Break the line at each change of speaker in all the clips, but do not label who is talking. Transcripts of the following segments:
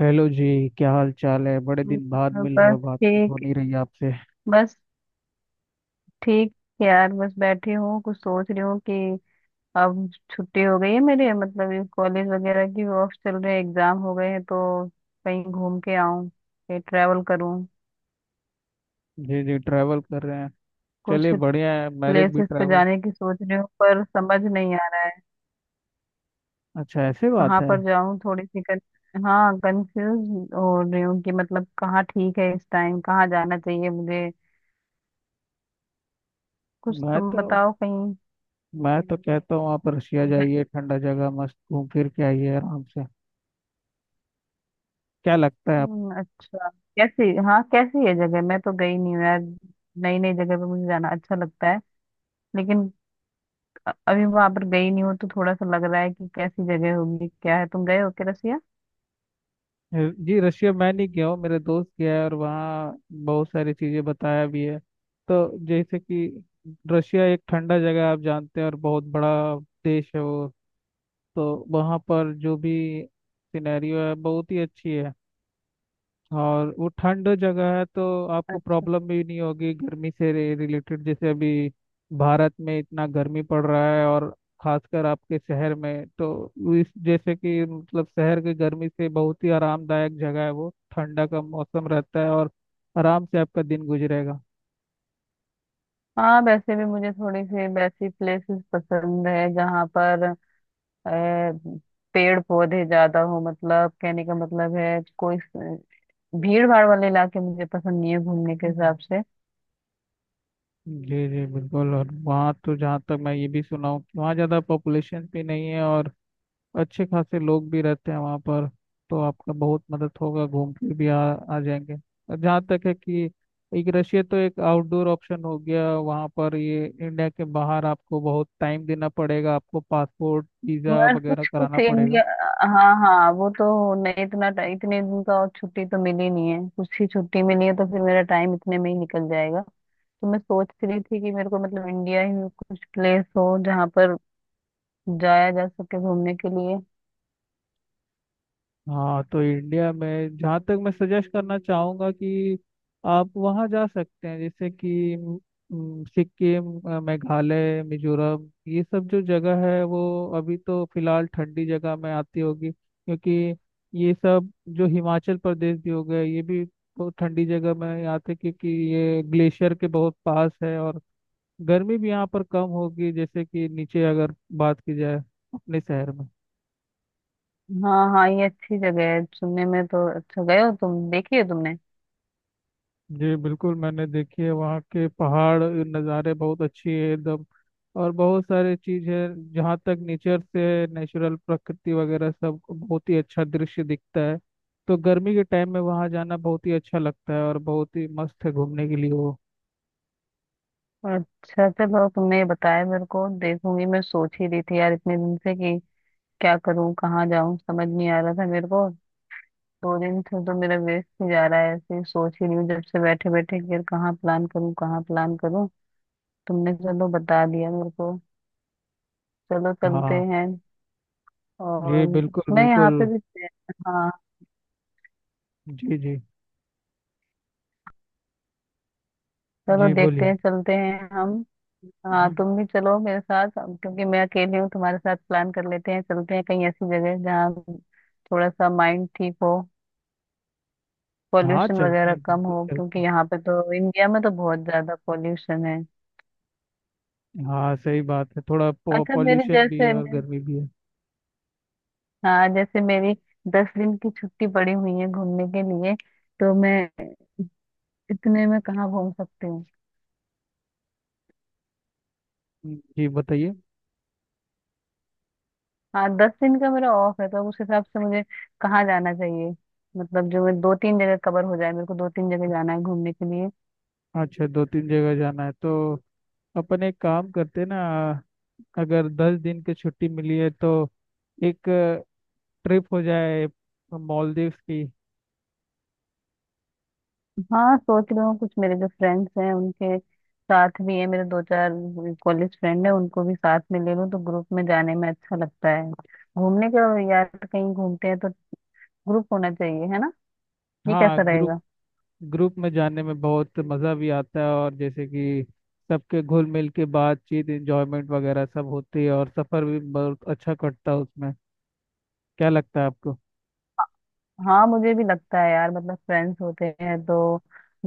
Hello जी। क्या हाल चाल है, बड़े दिन बाद
हम्म,
मिल रहे
बस
हो, बात भी हो
ठीक
नहीं रही आपसे।
बस ठीक। यार बस बैठी हूँ, कुछ सोच रही हूँ कि अब छुट्टी हो गई है मेरे, मतलब ये कॉलेज वगैरह की ऑफ चल रहे हैं, एग्जाम हो गए हैं तो कहीं घूम के आऊँ, कहीं ट्रैवल करूँ।
जी जी, ट्रैवल कर रहे हैं,
कुछ
चलिए बढ़िया है, मेरे भी
प्लेसेस पे
ट्रैवल
जाने की सोच रही हूँ पर समझ नहीं आ रहा है
अच्छा ऐसे बात
कहाँ
है।
पर जाऊँ। थोड़ी सी हाँ, कंफ्यूज हो रही हूँ कि मतलब कहाँ ठीक है, इस टाइम कहाँ जाना चाहिए मुझे। कुछ
मैं
तुम
तो
बताओ कहीं।
मैं तो कहता हूँ आप रशिया जाइए, ठंडा जगह मस्त घूम फिर के आइए आराम से। क्या लगता है आप?
अच्छा। कैसी हाँ, कैसी है जगह? मैं तो गई नहीं हूँ यार। नई नई जगह पे मुझे जाना अच्छा लगता है, लेकिन अभी वहां पर गई नहीं हूँ तो थोड़ा सा लग रहा है कि कैसी जगह होगी, क्या है। तुम गए हो क्या रसिया?
जी, रशिया मैं नहीं गया हूँ, मेरे दोस्त गया है और वहाँ बहुत सारी चीज़ें बताया भी है। तो जैसे कि रशिया एक ठंडा जगह है, आप जानते हैं, और बहुत बड़ा देश है वो। तो वहाँ पर जो भी सिनेरियो है बहुत ही अच्छी है। और वो ठंड जगह है तो आपको
अच्छा।
प्रॉब्लम भी नहीं होगी गर्मी से रिलेटेड। जैसे अभी भारत में इतना गर्मी पड़ रहा है, और खासकर आपके शहर में, तो इस जैसे कि मतलब शहर की गर्मी से बहुत ही आरामदायक जगह है वो, ठंडा का मौसम रहता है, और आराम से आपका दिन गुजरेगा।
हाँ, वैसे भी मुझे थोड़ी सी वैसी प्लेसेस पसंद है जहाँ पर अ, पेड़ पौधे ज्यादा हो, मतलब कहने का मतलब है कोई भीड़ भाड़ वाले इलाके मुझे पसंद नहीं है घूमने के हिसाब से।
जी जी बिल्कुल, और वहाँ तो जहाँ तक मैं ये भी सुना हूँ कि वहाँ ज़्यादा पॉपुलेशन भी नहीं है, और अच्छे खासे लोग भी रहते हैं वहाँ पर। तो आपका बहुत मदद होगा, घूम के भी आ जाएंगे। और जहाँ तक है कि एक रशिया तो एक आउटडोर ऑप्शन हो गया। वहाँ पर ये इंडिया के बाहर आपको बहुत टाइम देना पड़ेगा, आपको पासपोर्ट वीज़ा
बस
वगैरह
कुछ कुछ
कराना पड़ेगा।
इंडिया। हाँ हाँ, वो तो नहीं, इतना इतने दिन का, और छुट्टी तो मिली नहीं है, कुछ ही छुट्टी मिली है तो फिर मेरा टाइम इतने में ही निकल जाएगा। तो मैं सोच रही थी कि मेरे को मतलब इंडिया ही में कुछ प्लेस हो जहाँ पर जाया जा सके घूमने के लिए।
हाँ, तो इंडिया में जहाँ तक मैं सजेस्ट करना चाहूँगा कि आप वहाँ जा सकते हैं जैसे कि म, म, सिक्किम, मेघालय, मिजोरम, ये सब जो जगह है वो अभी तो फिलहाल ठंडी जगह में आती होगी, क्योंकि ये सब जो हिमाचल प्रदेश भी हो गए, ये भी बहुत ठंडी जगह में आते हैं, क्योंकि ये ग्लेशियर के बहुत पास है। और गर्मी भी यहाँ पर कम होगी, जैसे कि नीचे अगर बात की जाए अपने शहर में।
हाँ हाँ, ये अच्छी जगह है सुनने में तो। अच्छा गए हो तुम, देखी हो तुमने?
जी बिल्कुल, मैंने देखी है, वहाँ के पहाड़ नज़ारे बहुत अच्छी है एकदम, और बहुत सारी चीज़ है। जहाँ तक नेचर से, नेचुरल प्रकृति वगैरह सब बहुत ही अच्छा दृश्य दिखता है। तो गर्मी के टाइम में वहाँ जाना बहुत ही अच्छा लगता है, और बहुत ही मस्त है घूमने के लिए वो।
अच्छा चलो, तुमने ये बताया मेरे को, देखूंगी। मैं सोच ही रही थी यार इतने दिन से कि क्या करूँ, कहाँ जाऊँ, समझ नहीं आ रहा था मेरे को। दो दिन से तो मेरा वेस्ट ही जा रहा है, ऐसे ही सोच ही रही हूँ जब से, बैठे बैठे यार, कहाँ प्लान करूँ, कहाँ प्लान करूँ। तुमने चलो बता दिया मेरे को। चलो चलते
हाँ।
हैं।
जी
और
बिल्कुल
मैं
बिल्कुल।
यहाँ पे भी, हाँ,
जी जी।
चलो
जी
देखते
बोलिए।
हैं चलते हैं हम। हाँ
हम्म,
तुम भी चलो मेरे साथ, क्योंकि मैं अकेली हूँ, तुम्हारे साथ प्लान कर लेते हैं, चलते हैं कहीं ऐसी जगह जहाँ थोड़ा सा माइंड ठीक हो,
हाँ
पॉल्यूशन
चलते
वगैरह
हैं,
कम
बिल्कुल
हो, क्योंकि
चलते
यहाँ पे तो इंडिया में तो बहुत ज्यादा पॉल्यूशन है।
हैं। हाँ सही बात है, थोड़ा
अच्छा, मेरी
पॉल्यूशन भी है
जैसे
और गर्मी भी है।
हाँ, जैसे मेरी 10 दिन की छुट्टी पड़ी हुई है घूमने के लिए, तो मैं इतने में कहाँ घूम सकती हूँ?
जी बताइए।
हाँ, 10 दिन का मेरा ऑफ है, तो उस हिसाब से मुझे कहाँ जाना चाहिए? मतलब जो मैं 2 तीन जगह कवर हो जाए, मेरे को 2 तीन जगह जाना है घूमने के लिए।
अच्छा, दो तीन जगह जाना है तो अपन एक काम करते ना, अगर दस दिन की छुट्टी मिली है तो एक ट्रिप हो जाए मालदीव्स की।
हाँ, सोच रही हूँ कुछ। मेरे जो फ्रेंड्स हैं उनके साथ भी है, मेरे 2 चार कॉलेज फ्रेंड है, उनको भी साथ में ले लूँ। तो ग्रुप में जाने में अच्छा लगता है घूमने का, यार कहीं घूमते हैं तो ग्रुप होना चाहिए, है ना? ये
हाँ
कैसा रहेगा?
ग्रुप, ग्रुप में जाने में बहुत मज़ा भी आता है, और जैसे कि सबके घुल मिल के बातचीत एंजॉयमेंट वगैरह सब होती है, और सफ़र भी बहुत अच्छा कटता है उसमें। क्या लगता है आपको?
हाँ, मुझे भी लगता है यार, मतलब फ्रेंड्स होते हैं तो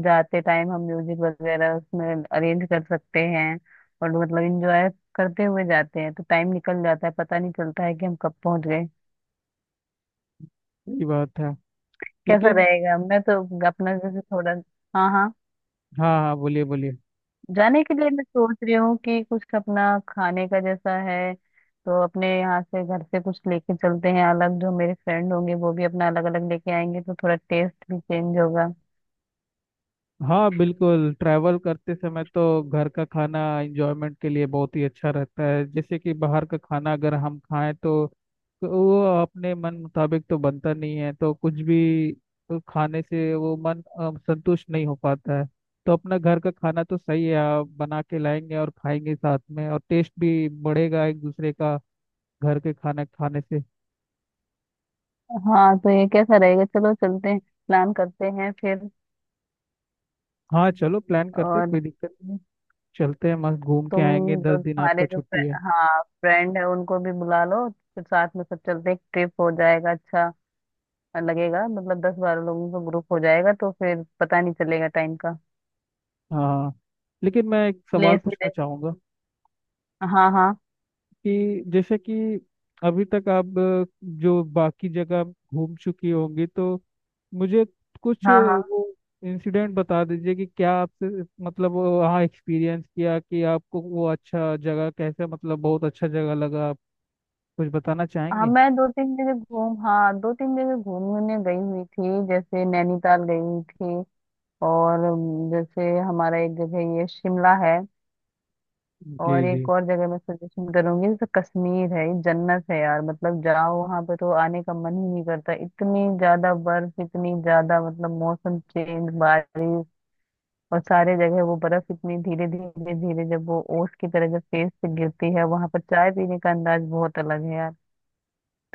जाते टाइम हम म्यूजिक वगैरह उसमें अरेंज कर सकते हैं, और मतलब इंजॉय करते हुए जाते हैं तो टाइम निकल जाता है, पता नहीं चलता है कि हम कब पहुंच गए।
सही बात है।
कैसा
लेकिन
रहेगा? मैं तो अपना जैसे थोड़ा, हाँ हाँ,
हाँ हाँ बोलिए बोलिए।
जाने के लिए मैं सोच रही हूँ कि कुछ अपना खाने का जैसा है तो अपने यहाँ से घर से कुछ लेके चलते हैं। अलग जो मेरे फ्रेंड होंगे वो भी अपना अलग अलग लेके आएंगे, तो थोड़ा टेस्ट भी चेंज होगा।
हाँ बिल्कुल, ट्रैवल करते समय तो घर का खाना एंजॉयमेंट के लिए बहुत ही अच्छा रहता है। जैसे कि बाहर का खाना अगर हम खाएं, तो वो अपने मन मुताबिक तो बनता नहीं है, तो कुछ भी तो खाने से वो मन संतुष्ट नहीं हो पाता है। तो अपना घर का खाना तो सही है, आप बना के लाएंगे और खाएंगे साथ में, और टेस्ट भी बढ़ेगा एक दूसरे का घर के खाना खाने से।
हाँ तो ये कैसा रहेगा? चलो चलते हैं, प्लान करते हैं फिर।
हाँ चलो प्लान करते,
और
कोई दिक्कत नहीं, चलते हैं मस्त घूम के
तुम
आएंगे,
जो
दस दिन
तुम्हारे
आपका
जो
छुट्टी है।
हाँ, फ्रेंड है उनको भी बुला लो, फिर साथ में सब चलते हैं। ट्रिप हो जाएगा, अच्छा लगेगा, मतलब 10 बारह लोगों का ग्रुप हो जाएगा तो फिर पता नहीं चलेगा टाइम का।
हाँ लेकिन मैं एक सवाल
प्लेस भी
पूछना
देख,
चाहूँगा
हाँ हाँ
कि जैसे कि अभी तक आप जो बाकी जगह घूम चुकी होंगी, तो मुझे कुछ
हाँ हाँ
वो इंसिडेंट बता दीजिए कि क्या आपसे मतलब वो वहाँ एक्सपीरियंस किया कि आपको वो अच्छा जगह कैसे, मतलब बहुत अच्छा जगह लगा, आप कुछ बताना
हाँ।
चाहेंगे?
मैं दो तीन जगह घूम हाँ, 2 तीन जगह घूमने गई हुई थी, जैसे नैनीताल गई हुई थी, और जैसे हमारा एक जगह ये शिमला है,
जी
और
जी।
एक और जगह मैं सजेशन करूंगी, जैसे कश्मीर है। ये जन्नत है यार, मतलब जाओ वहां पे तो आने का मन ही नहीं करता। इतनी ज्यादा बर्फ, इतनी ज्यादा मतलब मौसम चेंज, बारिश और सारे जगह वो बर्फ, इतनी धीरे धीरे धीरे जब वो ओस की तरह जब फेस से गिरती है। वहां पर चाय पीने का अंदाज बहुत अलग है यार।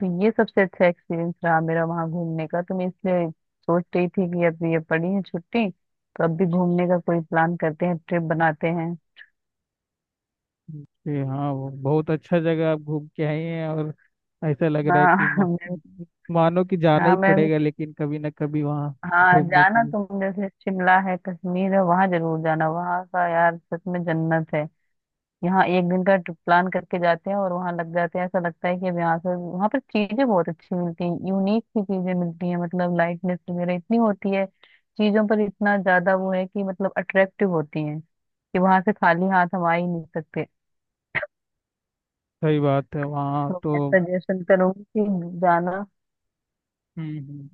तो ये सबसे अच्छा एक्सपीरियंस रहा मेरा वहां घूमने का। तो मैं इसलिए सोच रही थी कि अब ये पड़ी है छुट्टी तो अब भी घूमने का कोई प्लान करते हैं, ट्रिप बनाते हैं।
जी हाँ, वो बहुत अच्छा जगह आप घूम के आए हैं, और ऐसा लग रहा है
हाँ
कि
मैं
मस्त, मानो कि जाना
हाँ
ही
मैं
पड़ेगा लेकिन कभी ना कभी वहाँ
हाँ,
घूमने के
जाना
लिए।
तुम, जैसे शिमला है, कश्मीर है, वहां जरूर जाना। वहां का यार सच में जन्नत है। यहाँ एक दिन का ट्रिप प्लान करके जाते हैं और वहां लग जाते हैं, ऐसा लगता है कि अब यहाँ से वहां पर चीजें बहुत अच्छी मिलती हैं, यूनिक सी चीजें मिलती हैं, मतलब लाइटनेस वगैरह इतनी होती है चीजों पर, इतना ज्यादा वो है कि मतलब अट्रैक्टिव होती हैं कि वहां से खाली हाथ हम आ ही नहीं सकते।
सही बात है, वहाँ
तो मैं सजेशन करूंगी कि जाना।
हम्म हम्म।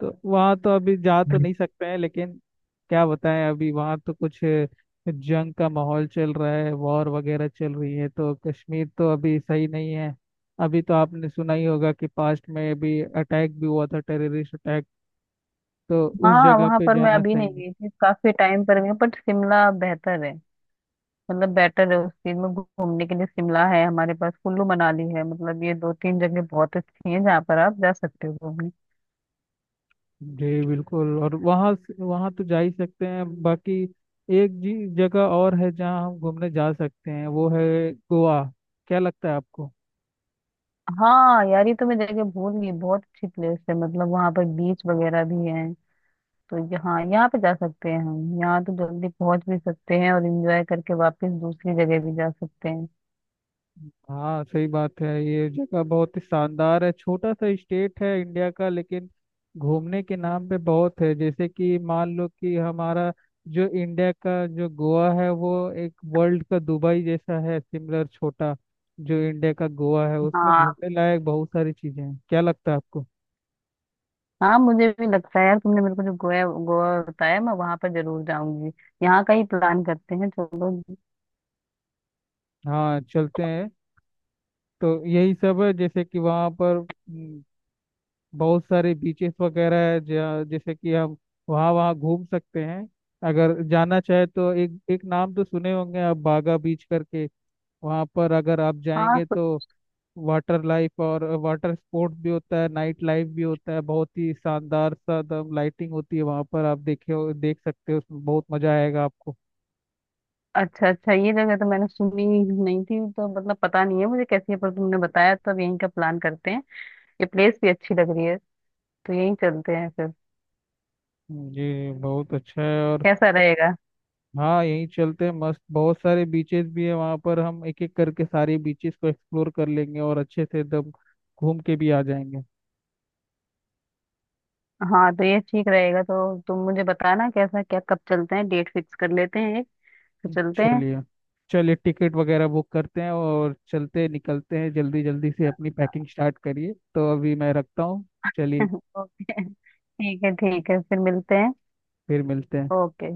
तो वहाँ तो अभी जा तो नहीं सकते हैं लेकिन, क्या बताएं, अभी वहाँ तो कुछ जंग का माहौल चल रहा है, वॉर वगैरह चल रही है, तो कश्मीर तो अभी सही नहीं है। अभी तो आपने सुना ही होगा कि पास्ट में अभी अटैक भी हुआ था, टेररिस्ट अटैक, तो उस
हाँ
जगह
वहां
पे
पर मैं
जाना
अभी
सही
नहीं
नहीं।
गई थी, काफी टाइम पर गई हूँ, बट शिमला बेहतर है, मतलब बेटर है उस चीज में घूमने के लिए। शिमला है, हमारे पास कुल्लू मनाली है, मतलब ये 2 तीन जगह बहुत अच्छी हैं जहाँ पर आप जा सकते हो घूमने।
जी बिल्कुल, और वहाँ से- वहाँ तो जा ही सकते हैं बाकी। एक जी जगह और है जहाँ हम घूमने जा सकते हैं, वो है गोवा। क्या लगता है आपको?
हाँ यार, ये तो मैं जगह भूल गई, बहुत अच्छी प्लेस है, मतलब वहाँ पर बीच वगैरह भी है। तो यहाँ यहाँ पे जा सकते हैं हम, यहाँ तो जल्दी पहुंच भी सकते हैं और एंजॉय करके वापस दूसरी जगह भी जा सकते हैं।
हाँ सही बात है, ये जगह बहुत ही शानदार है, छोटा सा स्टेट है इंडिया का, लेकिन घूमने के नाम पे बहुत है। जैसे कि मान लो कि हमारा जो इंडिया का जो गोवा है, वो एक वर्ल्ड का दुबई जैसा है, सिमिलर छोटा। जो इंडिया का गोवा है उसमें
हाँ
घूमने लायक बहुत सारी चीजें हैं। क्या लगता है आपको?
हाँ, मुझे भी लगता है यार, तुमने मेरे को जो गोवा गोवा बताया मैं वहां पर जरूर जाऊंगी। यहाँ का ही प्लान करते हैं चलो।
हाँ चलते हैं। तो यही सब है, जैसे कि वहाँ पर बहुत सारे बीचेस वगैरह है जहाँ- जैसे कि हम वहाँ वहाँ घूम सकते हैं अगर जाना चाहे तो। एक एक नाम तो सुने होंगे आप, बागा बीच करके, वहाँ पर अगर आप
हाँ,
जाएंगे तो वाटर लाइफ और वाटर स्पोर्ट्स भी होता है, नाइट लाइफ भी होता है, बहुत ही शानदार सा एकदम लाइटिंग होती है वहाँ पर, आप देखे हो देख सकते हो, उसमें बहुत मजा आएगा आपको।
अच्छा अच्छा, ये जगह तो मैंने सुनी नहीं थी तो मतलब पता नहीं है मुझे कैसी है, पर तुमने बताया तो अब यहीं का प्लान करते हैं। ये प्लेस भी अच्छी लग रही है, तो यहीं चलते हैं फिर।
जी बहुत अच्छा है। और
कैसा रहेगा?
हाँ यहीं चलते हैं मस्त, बहुत सारे बीचेस भी है वहाँ पर, हम एक एक करके सारे बीचेस को एक्सप्लोर कर लेंगे और अच्छे से एकदम घूम के भी आ जाएंगे।
हाँ तो ये ठीक रहेगा, तो तुम मुझे बताना कैसा क्या, कब चलते हैं, डेट फिक्स कर लेते हैं एक, फिर चलते हैं।
चलिए। चलिए टिकट वगैरह बुक करते हैं और चलते निकलते हैं, जल्दी जल्दी से अपनी पैकिंग स्टार्ट करिए, तो अभी मैं रखता हूँ, चलिए,
ओके, ठीक है ठीक है, फिर मिलते हैं।
फिर मिलते हैं।
ओके।